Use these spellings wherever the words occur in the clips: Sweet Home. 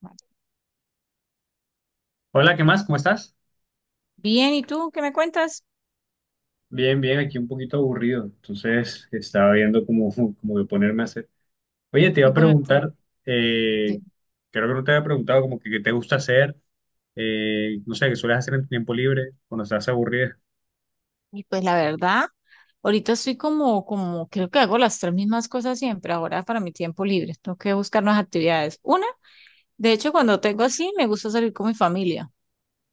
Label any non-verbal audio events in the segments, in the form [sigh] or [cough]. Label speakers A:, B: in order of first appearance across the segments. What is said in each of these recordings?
A: Vale.
B: Hola, ¿qué más? ¿Cómo estás?
A: Bien, ¿y tú qué me cuentas?
B: Bien, bien, aquí un poquito aburrido, entonces estaba viendo cómo, [laughs] cómo de ponerme a hacer. Oye, te iba
A: Qué
B: a
A: bueno.
B: preguntar,
A: Te-
B: eh, creo que no te había preguntado como que qué te gusta hacer, no sé, qué sueles hacer en tu tiempo libre cuando estás aburrida.
A: Y pues la verdad, ahorita estoy como, creo que hago las tres mismas cosas siempre. Ahora para mi tiempo libre, tengo que buscar nuevas actividades. Una, de hecho, cuando tengo así, me gusta salir con mi familia.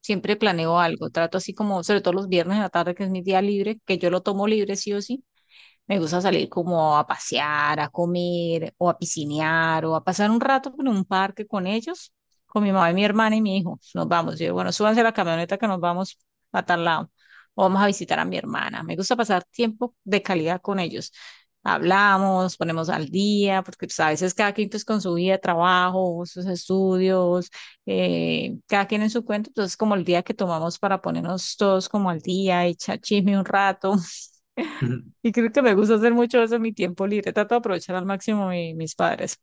A: Siempre planeo algo, trato así como, sobre todo los viernes en la tarde, que es mi día libre, que yo lo tomo libre sí o sí. Me gusta salir como a pasear, a comer, o a piscinear, o a pasar un rato en un parque con ellos, con mi mamá y mi hermana y mi hijo. Nos vamos. Yo, digo, bueno, súbanse a la camioneta que nos vamos a tal lado. O vamos a visitar a mi hermana. Me gusta pasar tiempo de calidad con ellos. Hablamos, ponemos al día, porque pues, a veces cada quien pues, con su vida, trabajo, sus estudios, cada quien en su cuento. Entonces, como el día que tomamos para ponernos todos como al día, echar chisme un rato.
B: [laughs] Ujú.
A: Y creo que me gusta hacer mucho eso en mi tiempo libre. Trato de aprovechar al máximo mis padres.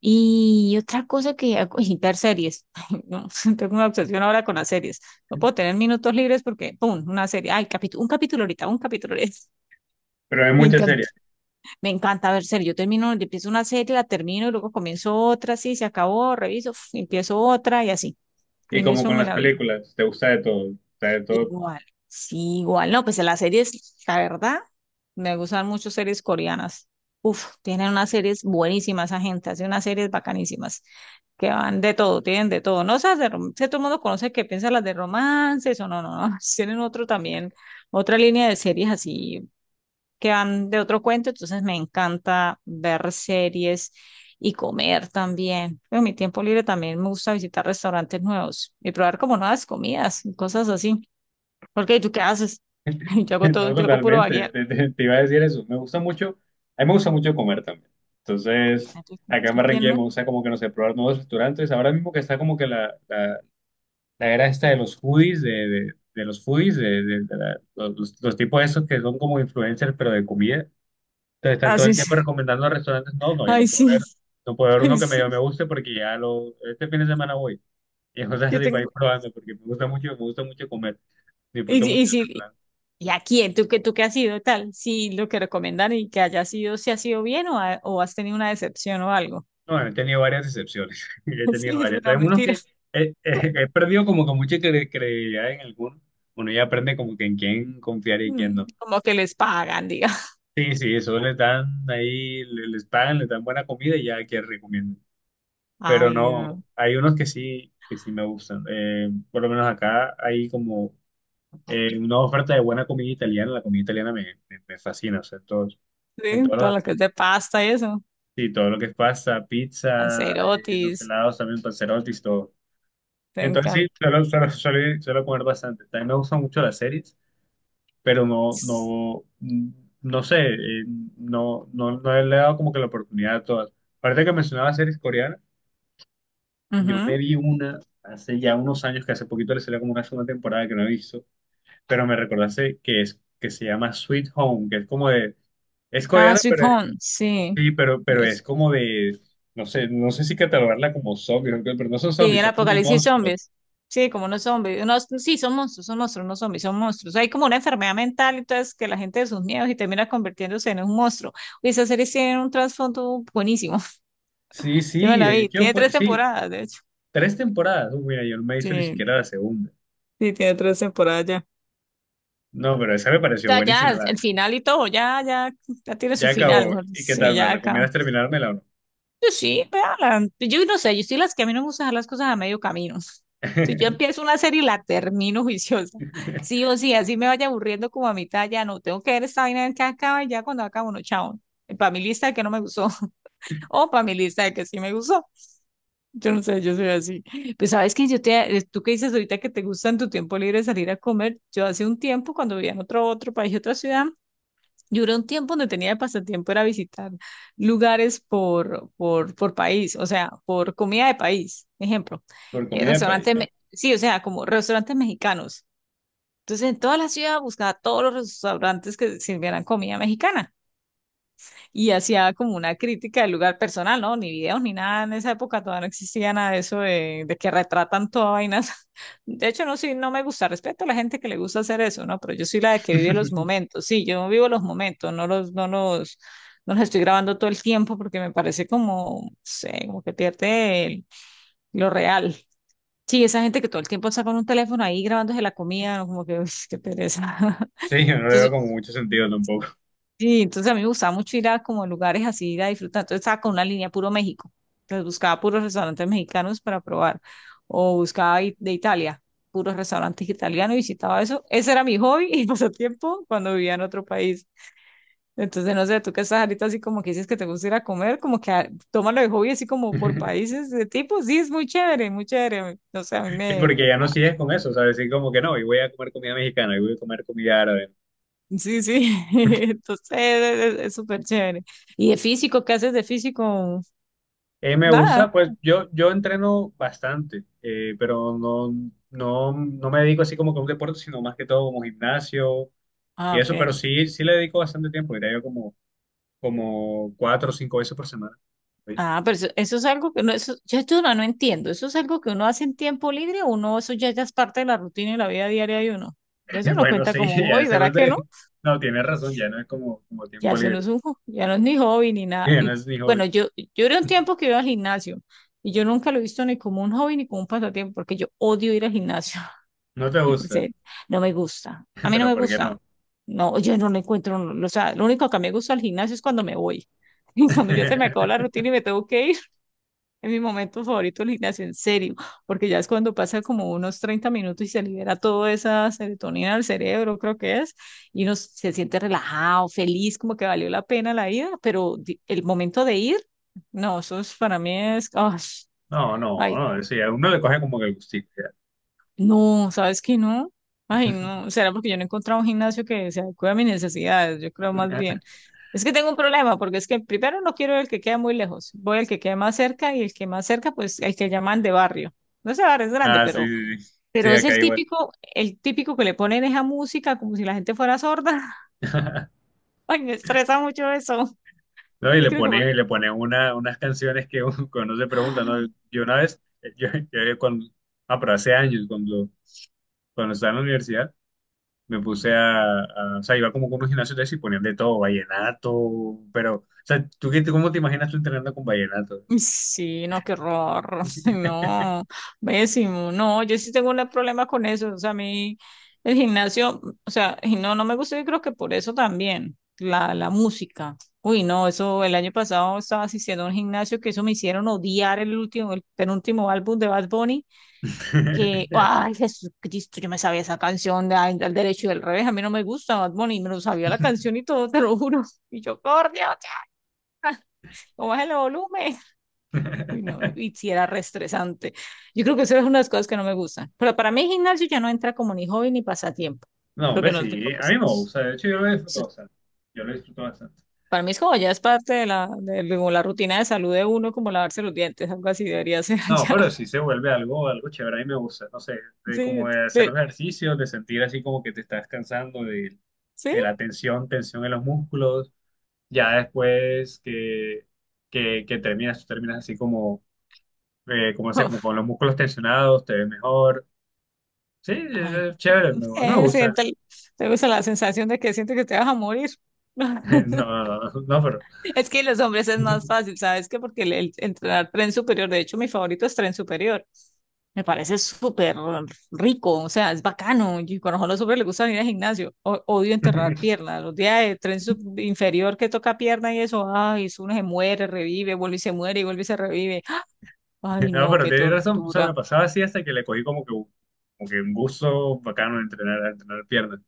A: Y otra cosa que hago, [laughs] y ver series. [laughs] Ay, no, [laughs] tengo una obsesión ahora con las series. No puedo tener minutos libres porque, ¡pum! Una serie. Ay, capítulo, un capítulo ahorita, un capítulo ahorita. [laughs]
B: Pero hay
A: Me
B: muchas
A: encanta,
B: series.
A: me encanta ver series. Yo termino, yo empiezo una serie, la termino y luego comienzo otra, sí, se acabó, reviso, uf, empiezo otra y así.
B: Y
A: En
B: como
A: eso
B: con
A: me
B: las
A: la vio.
B: películas, te gusta de todo. Te gusta de todo.
A: Igual, sí, igual. No, pues las series, la verdad, me gustan mucho series coreanas. Uf, tienen unas series buenísimas, esa gente, hace unas series bacanísimas, que van de todo, tienen de todo. No, esas de romance, todo el mundo conoce que piensa las de romances o no, no, no. [laughs] Tienen otro también, otra línea de series así que van de otro cuento, entonces me encanta ver series y comer también. En mi tiempo libre también me gusta visitar restaurantes nuevos y probar como nuevas comidas, y cosas así. ¿Porque tú qué haces? [laughs] Yo
B: [laughs]
A: hago todo,
B: No,
A: yo hago puro
B: totalmente.
A: vaguear.
B: Te iba a decir eso. Me gusta mucho. A mí me gusta mucho comer también. Entonces, acá en
A: ¿Qué
B: Barranquilla me
A: no
B: gusta como que, no sé, probar nuevos restaurantes. Ahora mismo que está como que la era esta de los foodies, de los foodies, los tipos esos que son como influencers, pero de comida. Entonces están todo el
A: haces?
B: tiempo recomendando restaurantes. No, no, yo no
A: Ay,
B: puedo
A: sí,
B: ver, no puedo
A: [laughs]
B: ver uno
A: ay,
B: que
A: sí,
B: me guste porque ya lo, este fin de semana voy. [laughs] Y cosas
A: yo
B: así para ir
A: tengo.
B: probando, porque me gusta mucho comer.
A: Y,
B: Disfruto
A: si-
B: mucho
A: y,
B: del
A: si-
B: restaurante.
A: ¿Y a quién? Tú qué has sido tal? Si lo que recomiendan y que haya sido, si ha sido bien o, o has tenido una decepción o algo.
B: No, he tenido varias decepciones. [laughs] He
A: [laughs]
B: tenido
A: Sí, es
B: varias.
A: una
B: Hay unos
A: mentira.
B: que
A: [laughs]
B: he perdido como que mucha credibilidad en algunos. Uno ya aprende como que en quién confiar y
A: Mm,
B: quién no.
A: como que les pagan, diga. [laughs]
B: Sí, sí, eso les dan ahí, les pagan, les dan buena comida y ya que recomienden. Pero
A: Ay,
B: no,
A: no.
B: hay unos que sí me gustan. Por lo menos acá hay como una oferta de buena comida italiana. La comida italiana me fascina, o sea, en
A: Sí,
B: todos los
A: todo lo que es
B: aspectos.
A: de pasta y eso.
B: Sí, todo lo que es pasta, pizza, los
A: Cancerotis,
B: helados también, panzerotti, todo.
A: te
B: Entonces sí,
A: encanta.
B: suelo comer bastante. También me gustan mucho las series. Pero no, no, no sé, no, no, no le he dado como que la oportunidad a todas. Aparte que mencionaba series coreanas, yo me
A: Ujú.
B: vi una hace ya unos años, que hace poquito le salió como una segunda temporada que no he visto, pero me recordaste que que se llama Sweet Home, que es como de, es
A: Ah,
B: coreana,
A: sweet home, sí.
B: sí, pero es como de, no sé, no sé si catalogarla como zombies, pero no son
A: Sí,
B: zombies,
A: el
B: son como
A: apocalipsis
B: monstruos.
A: zombies. Sí, como no zombies. Unos, sí, son monstruos, no zombies, son monstruos. Hay como una enfermedad mental, entonces que la gente de sus miedos y termina convirtiéndose en un monstruo. Y esa serie tiene un trasfondo buenísimo. [laughs]
B: Sí,
A: Yo me
B: sí,
A: la
B: de
A: vi.
B: hecho
A: Tiene
B: fue,
A: tres
B: sí,
A: temporadas, de hecho.
B: tres temporadas. Mira, yo no me hizo ni
A: Sí,
B: siquiera la segunda.
A: sí, tiene tres temporadas ya.
B: No, pero esa me pareció
A: O sea,
B: buenísima.
A: ya, el final y todo, ya tiene su
B: Ya
A: final,
B: acabó.
A: mejor dicho.
B: ¿Y qué
A: Sí,
B: tal? ¿Me
A: ya acá.
B: recomiendas terminármela o no?
A: Yo sí, véala. Yo no sé, yo soy las que a mí no me gusta dejar las cosas a medio camino. [laughs] Si yo
B: [laughs]
A: empiezo una serie y la termino [laughs] juiciosa, sí o sí, así me vaya aburriendo como a mitad, ya no, tengo que ver esta vaina a ver que acaba y ya cuando acabo no, chao. Para mi lista de que no me gustó, [laughs] o para mi lista de que sí me gustó. Yo no sé, yo soy así. Pues sabes que yo te, tú que dices ahorita que te gusta en tu tiempo libre salir a comer, yo hace un tiempo cuando vivía en otro país, otra ciudad, yo era un tiempo donde tenía de pasatiempo era visitar lugares por país, o sea, por comida de país. Ejemplo,
B: Por comida de país.
A: restaurantes, sí, o sea, como restaurantes mexicanos. Entonces, en toda la ciudad buscaba todos los restaurantes que sirvieran comida mexicana y hacía como una crítica del lugar personal, ¿no? Ni videos ni nada en esa época, todavía no existía nada de eso de, que retratan toda vainas. [laughs] De hecho, no, sí, no me gusta, respeto a la gente que le gusta hacer eso, ¿no? Pero yo soy la de que
B: [laughs]
A: vive los momentos, sí, yo vivo los momentos, no los, no los estoy grabando todo el tiempo porque me parece como, no sé, como que pierde lo real. Sí, esa gente que todo el tiempo está con un teléfono ahí grabándose la comida, ¿no? Como que, [laughs] uy, qué pereza.
B: Sí,
A: [laughs]
B: yo no le veo
A: Entonces,
B: como mucho sentido tampoco.
A: Sí, entonces a mí me gustaba mucho ir a como lugares así, ir a disfrutar. Entonces estaba con una línea puro México. Entonces buscaba puros restaurantes mexicanos para probar. O buscaba de Italia, puros restaurantes italianos y visitaba eso. Ese era mi hobby y [laughs] pasatiempo cuando vivía en otro país. Entonces, no sé, tú que estás ahorita así como que dices que te gusta ir a comer, como que ah, tómalo de hobby así como por
B: [laughs]
A: países de tipo. Sí, es muy chévere, muy chévere. No sé, a mí
B: Y
A: me...
B: porque ya no sigues con eso, ¿sabes? Sí, como que no, y voy a comer comida mexicana, y voy a comer comida árabe.
A: Sí, sí. [laughs] Entonces, es súper chévere. ¿Y de físico? ¿Qué haces de físico?
B: Me
A: Nada.
B: gusta, yo entreno bastante, pero no me dedico así como que a un deporte, sino más que todo como gimnasio
A: Ah,
B: y eso,
A: ok.
B: pero sí, sí le dedico bastante tiempo, diría yo como, como 4 o 5 veces por semana.
A: Ah, pero eso es algo que no, eso, yo esto no, no entiendo. ¿Eso es algo que uno hace en tiempo libre o uno, eso ya es parte de la rutina y la vida diaria de uno? Ya eso
B: [laughs]
A: no
B: Bueno,
A: cuenta
B: sí,
A: como
B: ya
A: hobby,
B: se
A: ¿verdad que no?
B: vuelve. No, tienes razón, ya no es como, como
A: Ya
B: tiempo
A: eso no
B: libre.
A: es un,
B: [laughs]
A: ya no es ni hobby ni nada.
B: Ya no
A: Y
B: es ni hobby.
A: bueno, yo era un tiempo que iba al gimnasio y yo nunca lo he visto ni como un hobby ni como un pasatiempo porque yo odio ir al gimnasio. [laughs]
B: No te
A: En
B: gusta,
A: serio, no me gusta. A
B: [laughs]
A: mí no
B: pero
A: me
B: ¿por qué
A: gusta.
B: no?
A: No, yo no lo encuentro. O sea, lo único que a mí me gusta al gimnasio es cuando me voy. [laughs] Cuando ya se me acabó la
B: [laughs]
A: rutina y me tengo que ir. En mi momento favorito el gimnasio, en serio, porque ya es cuando pasa como unos 30 minutos y se libera toda esa serotonina del cerebro, creo que es, y uno se siente relajado, feliz, como que valió la pena la ida, pero el momento de ir, no, eso es, para mí es, ¡ay!
B: No, no,
A: Ay,
B: no, sí, a uno le coge como que el gustito.
A: no, ¿sabes qué no? Ay, no, será porque yo no he encontrado un gimnasio que se adecue a mis necesidades, yo creo más
B: Ya.
A: bien.
B: [laughs]
A: Es que tengo un problema, porque es que primero no quiero el que queda muy lejos, voy al que queda más cerca y el que más cerca, pues el que llaman de barrio. No sé, barrio es grande,
B: Ah,
A: pero,
B: sí, sí, sí, sí,
A: pero es
B: acá igual.
A: el típico que le ponen esa música como si la gente fuera sorda. [laughs]
B: [laughs]
A: Ay, me estresa mucho eso.
B: No,
A: Yo creo que
B: y le pone unas canciones que [laughs] uno, que uno se pregunta, ¿no?
A: por-
B: Yo una vez, yo cuando, ah, pero hace años, cuando estaba en la universidad, me puse o sea, iba como con unos gimnasios de eso y ponían de todo, vallenato, pero, o sea, ¿tú qué, cómo te imaginas tú entrenando con vallenato?
A: Sí, no, qué horror. [laughs] No, pésimo. No, yo sí tengo un problema con eso. O sea, a mí el gimnasio, o sea, y no, no me gusta y creo que por eso también, la música. Uy, no, eso el año pasado estaba asistiendo a un gimnasio que eso me hicieron odiar el último, el penúltimo álbum de Bad Bunny, que,
B: [laughs]
A: ay, Jesucristo, yo me sabía esa canción de al derecho y del revés. A mí no me gusta Bad Bunny, me lo sabía la canción y todo, [laughs] te lo juro. Y yo, por Dios, ya, bájale el volumen. Uy, no, y si era re estresante. Yo creo que eso es una de las cosas que no me gustan. Pero para mí el gimnasio ya no entra como ni hobby ni pasatiempo,
B: No, hombre,
A: porque no es de
B: sí, a mí me
A: propósitos.
B: gusta, de hecho yo lo
A: Eso-
B: disfruto bastante, yo lo disfruto bastante.
A: Para mí es como ya es parte de la, como la rutina de salud de uno, como lavarse los dientes, algo así debería ser
B: No,
A: allá.
B: pero
A: [laughs]
B: sí se vuelve algo, algo chévere, a mí me gusta, no sé, de
A: Sí,
B: como de hacer
A: sí,
B: los ejercicios, de sentir así como que te estás cansando
A: sí.
B: de la tensión, tensión en los músculos, ya después que terminas, tú terminas así como como sea,
A: Oh,
B: como con los músculos tensionados, te ves mejor. Sí,
A: ay,
B: es chévere,
A: [laughs]
B: me
A: eh,
B: gusta.
A: siento- te gusta la sensación de que sientes que te vas a morir.
B: [laughs]
A: [laughs]
B: No, no, no, pero.
A: Es que los hombres es más fácil,
B: [laughs]
A: ¿sabes qué? Porque el entrenar tren superior, de hecho, mi favorito es tren superior. Me parece súper rico, o sea, es bacano. Y conozco a los hombres les gusta ir al gimnasio. Odio enterrar piernas. Los días de tren inferior que toca pierna y eso, ay, eso uno se muere, revive, vuelve y se muere y vuelve y se revive. Ay,
B: No,
A: no,
B: pero
A: qué
B: tienes razón. O sea,
A: tortura.
B: me pasaba así hasta que le cogí como que, como que un gusto bacano a entrenar piernas.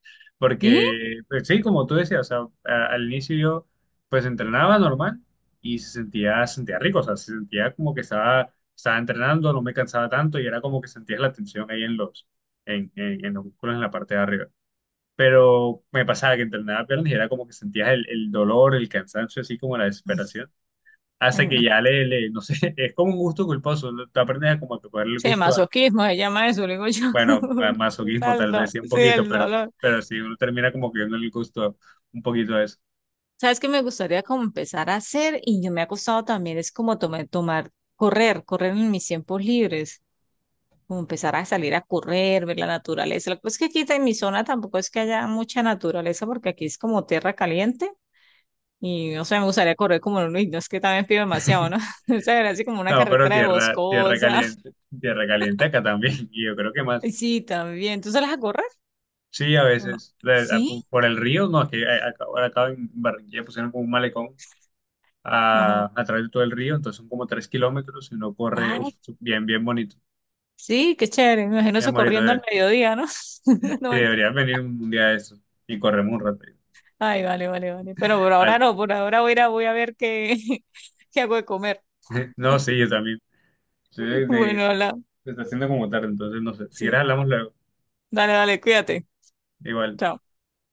A: ¿Sí?
B: Porque, pues, sí, como tú decías, o sea, al inicio yo pues entrenaba normal y se sentía rico, o sea, se sentía como que estaba, estaba entrenando, no me cansaba tanto y era como que sentías la tensión ahí en en los músculos en la parte de arriba. Pero me pasaba que entrenaba piernas y era como que sentías el dolor, el cansancio, así como la desesperación,
A: Ay,
B: hasta que
A: no.
B: ya no sé, [laughs] es como un gusto culposo, ¿no? Tú aprendes a como que cogerle el
A: Sí,
B: gusto a,
A: masoquismo se llama eso, le digo yo.
B: bueno, a
A: [laughs] O
B: masoquismo
A: sea, el
B: tal vez, sí, un
A: sí,
B: poquito,
A: el dolor.
B: pero sí, uno termina como que dándole el gusto un poquito a eso.
A: Sabes que me gustaría como empezar a hacer y yo me ha costado también es como correr en mis tiempos libres, como empezar a salir a correr, ver la naturaleza. Lo que pasa es que aquí en mi zona tampoco es que haya mucha naturaleza porque aquí es como tierra caliente y no sé, me gustaría correr como en un y no es que también pido demasiado, ¿no? [laughs] O sea, era así como una
B: No, pero
A: carretera de
B: tierra,
A: boscosa. [laughs]
B: tierra caliente acá también, [laughs] y yo creo que más.
A: Y sí, también. ¿Tú sales a correr
B: Sí, a
A: o no?
B: veces,
A: Sí,
B: por el río, no, es que ahora acá en Barranquilla pusieron como un malecón
A: ajá.
B: a través de todo el río, entonces son como 3 kilómetros y uno corre, uf,
A: Ay,
B: bien, bien bonito,
A: sí, qué chévere. Me imagino
B: bien
A: eso
B: bonito.
A: corriendo al mediodía, ¿no?
B: Sí,
A: [laughs] No.
B: deberías venir un día de eso y corremos un rato.
A: Ay, vale, vale, vale. Pero por
B: Vale.
A: ahora no, por ahora voy a ir a, voy a ver qué, [laughs] qué hago de comer.
B: [laughs] No, sí, yo también. Sí,
A: [laughs] Bueno, hola.
B: se está haciendo como tarde, entonces no sé. Si quieres
A: Sí.
B: hablamos luego.
A: Dale, dale, cuídate.
B: Igual.
A: Chao.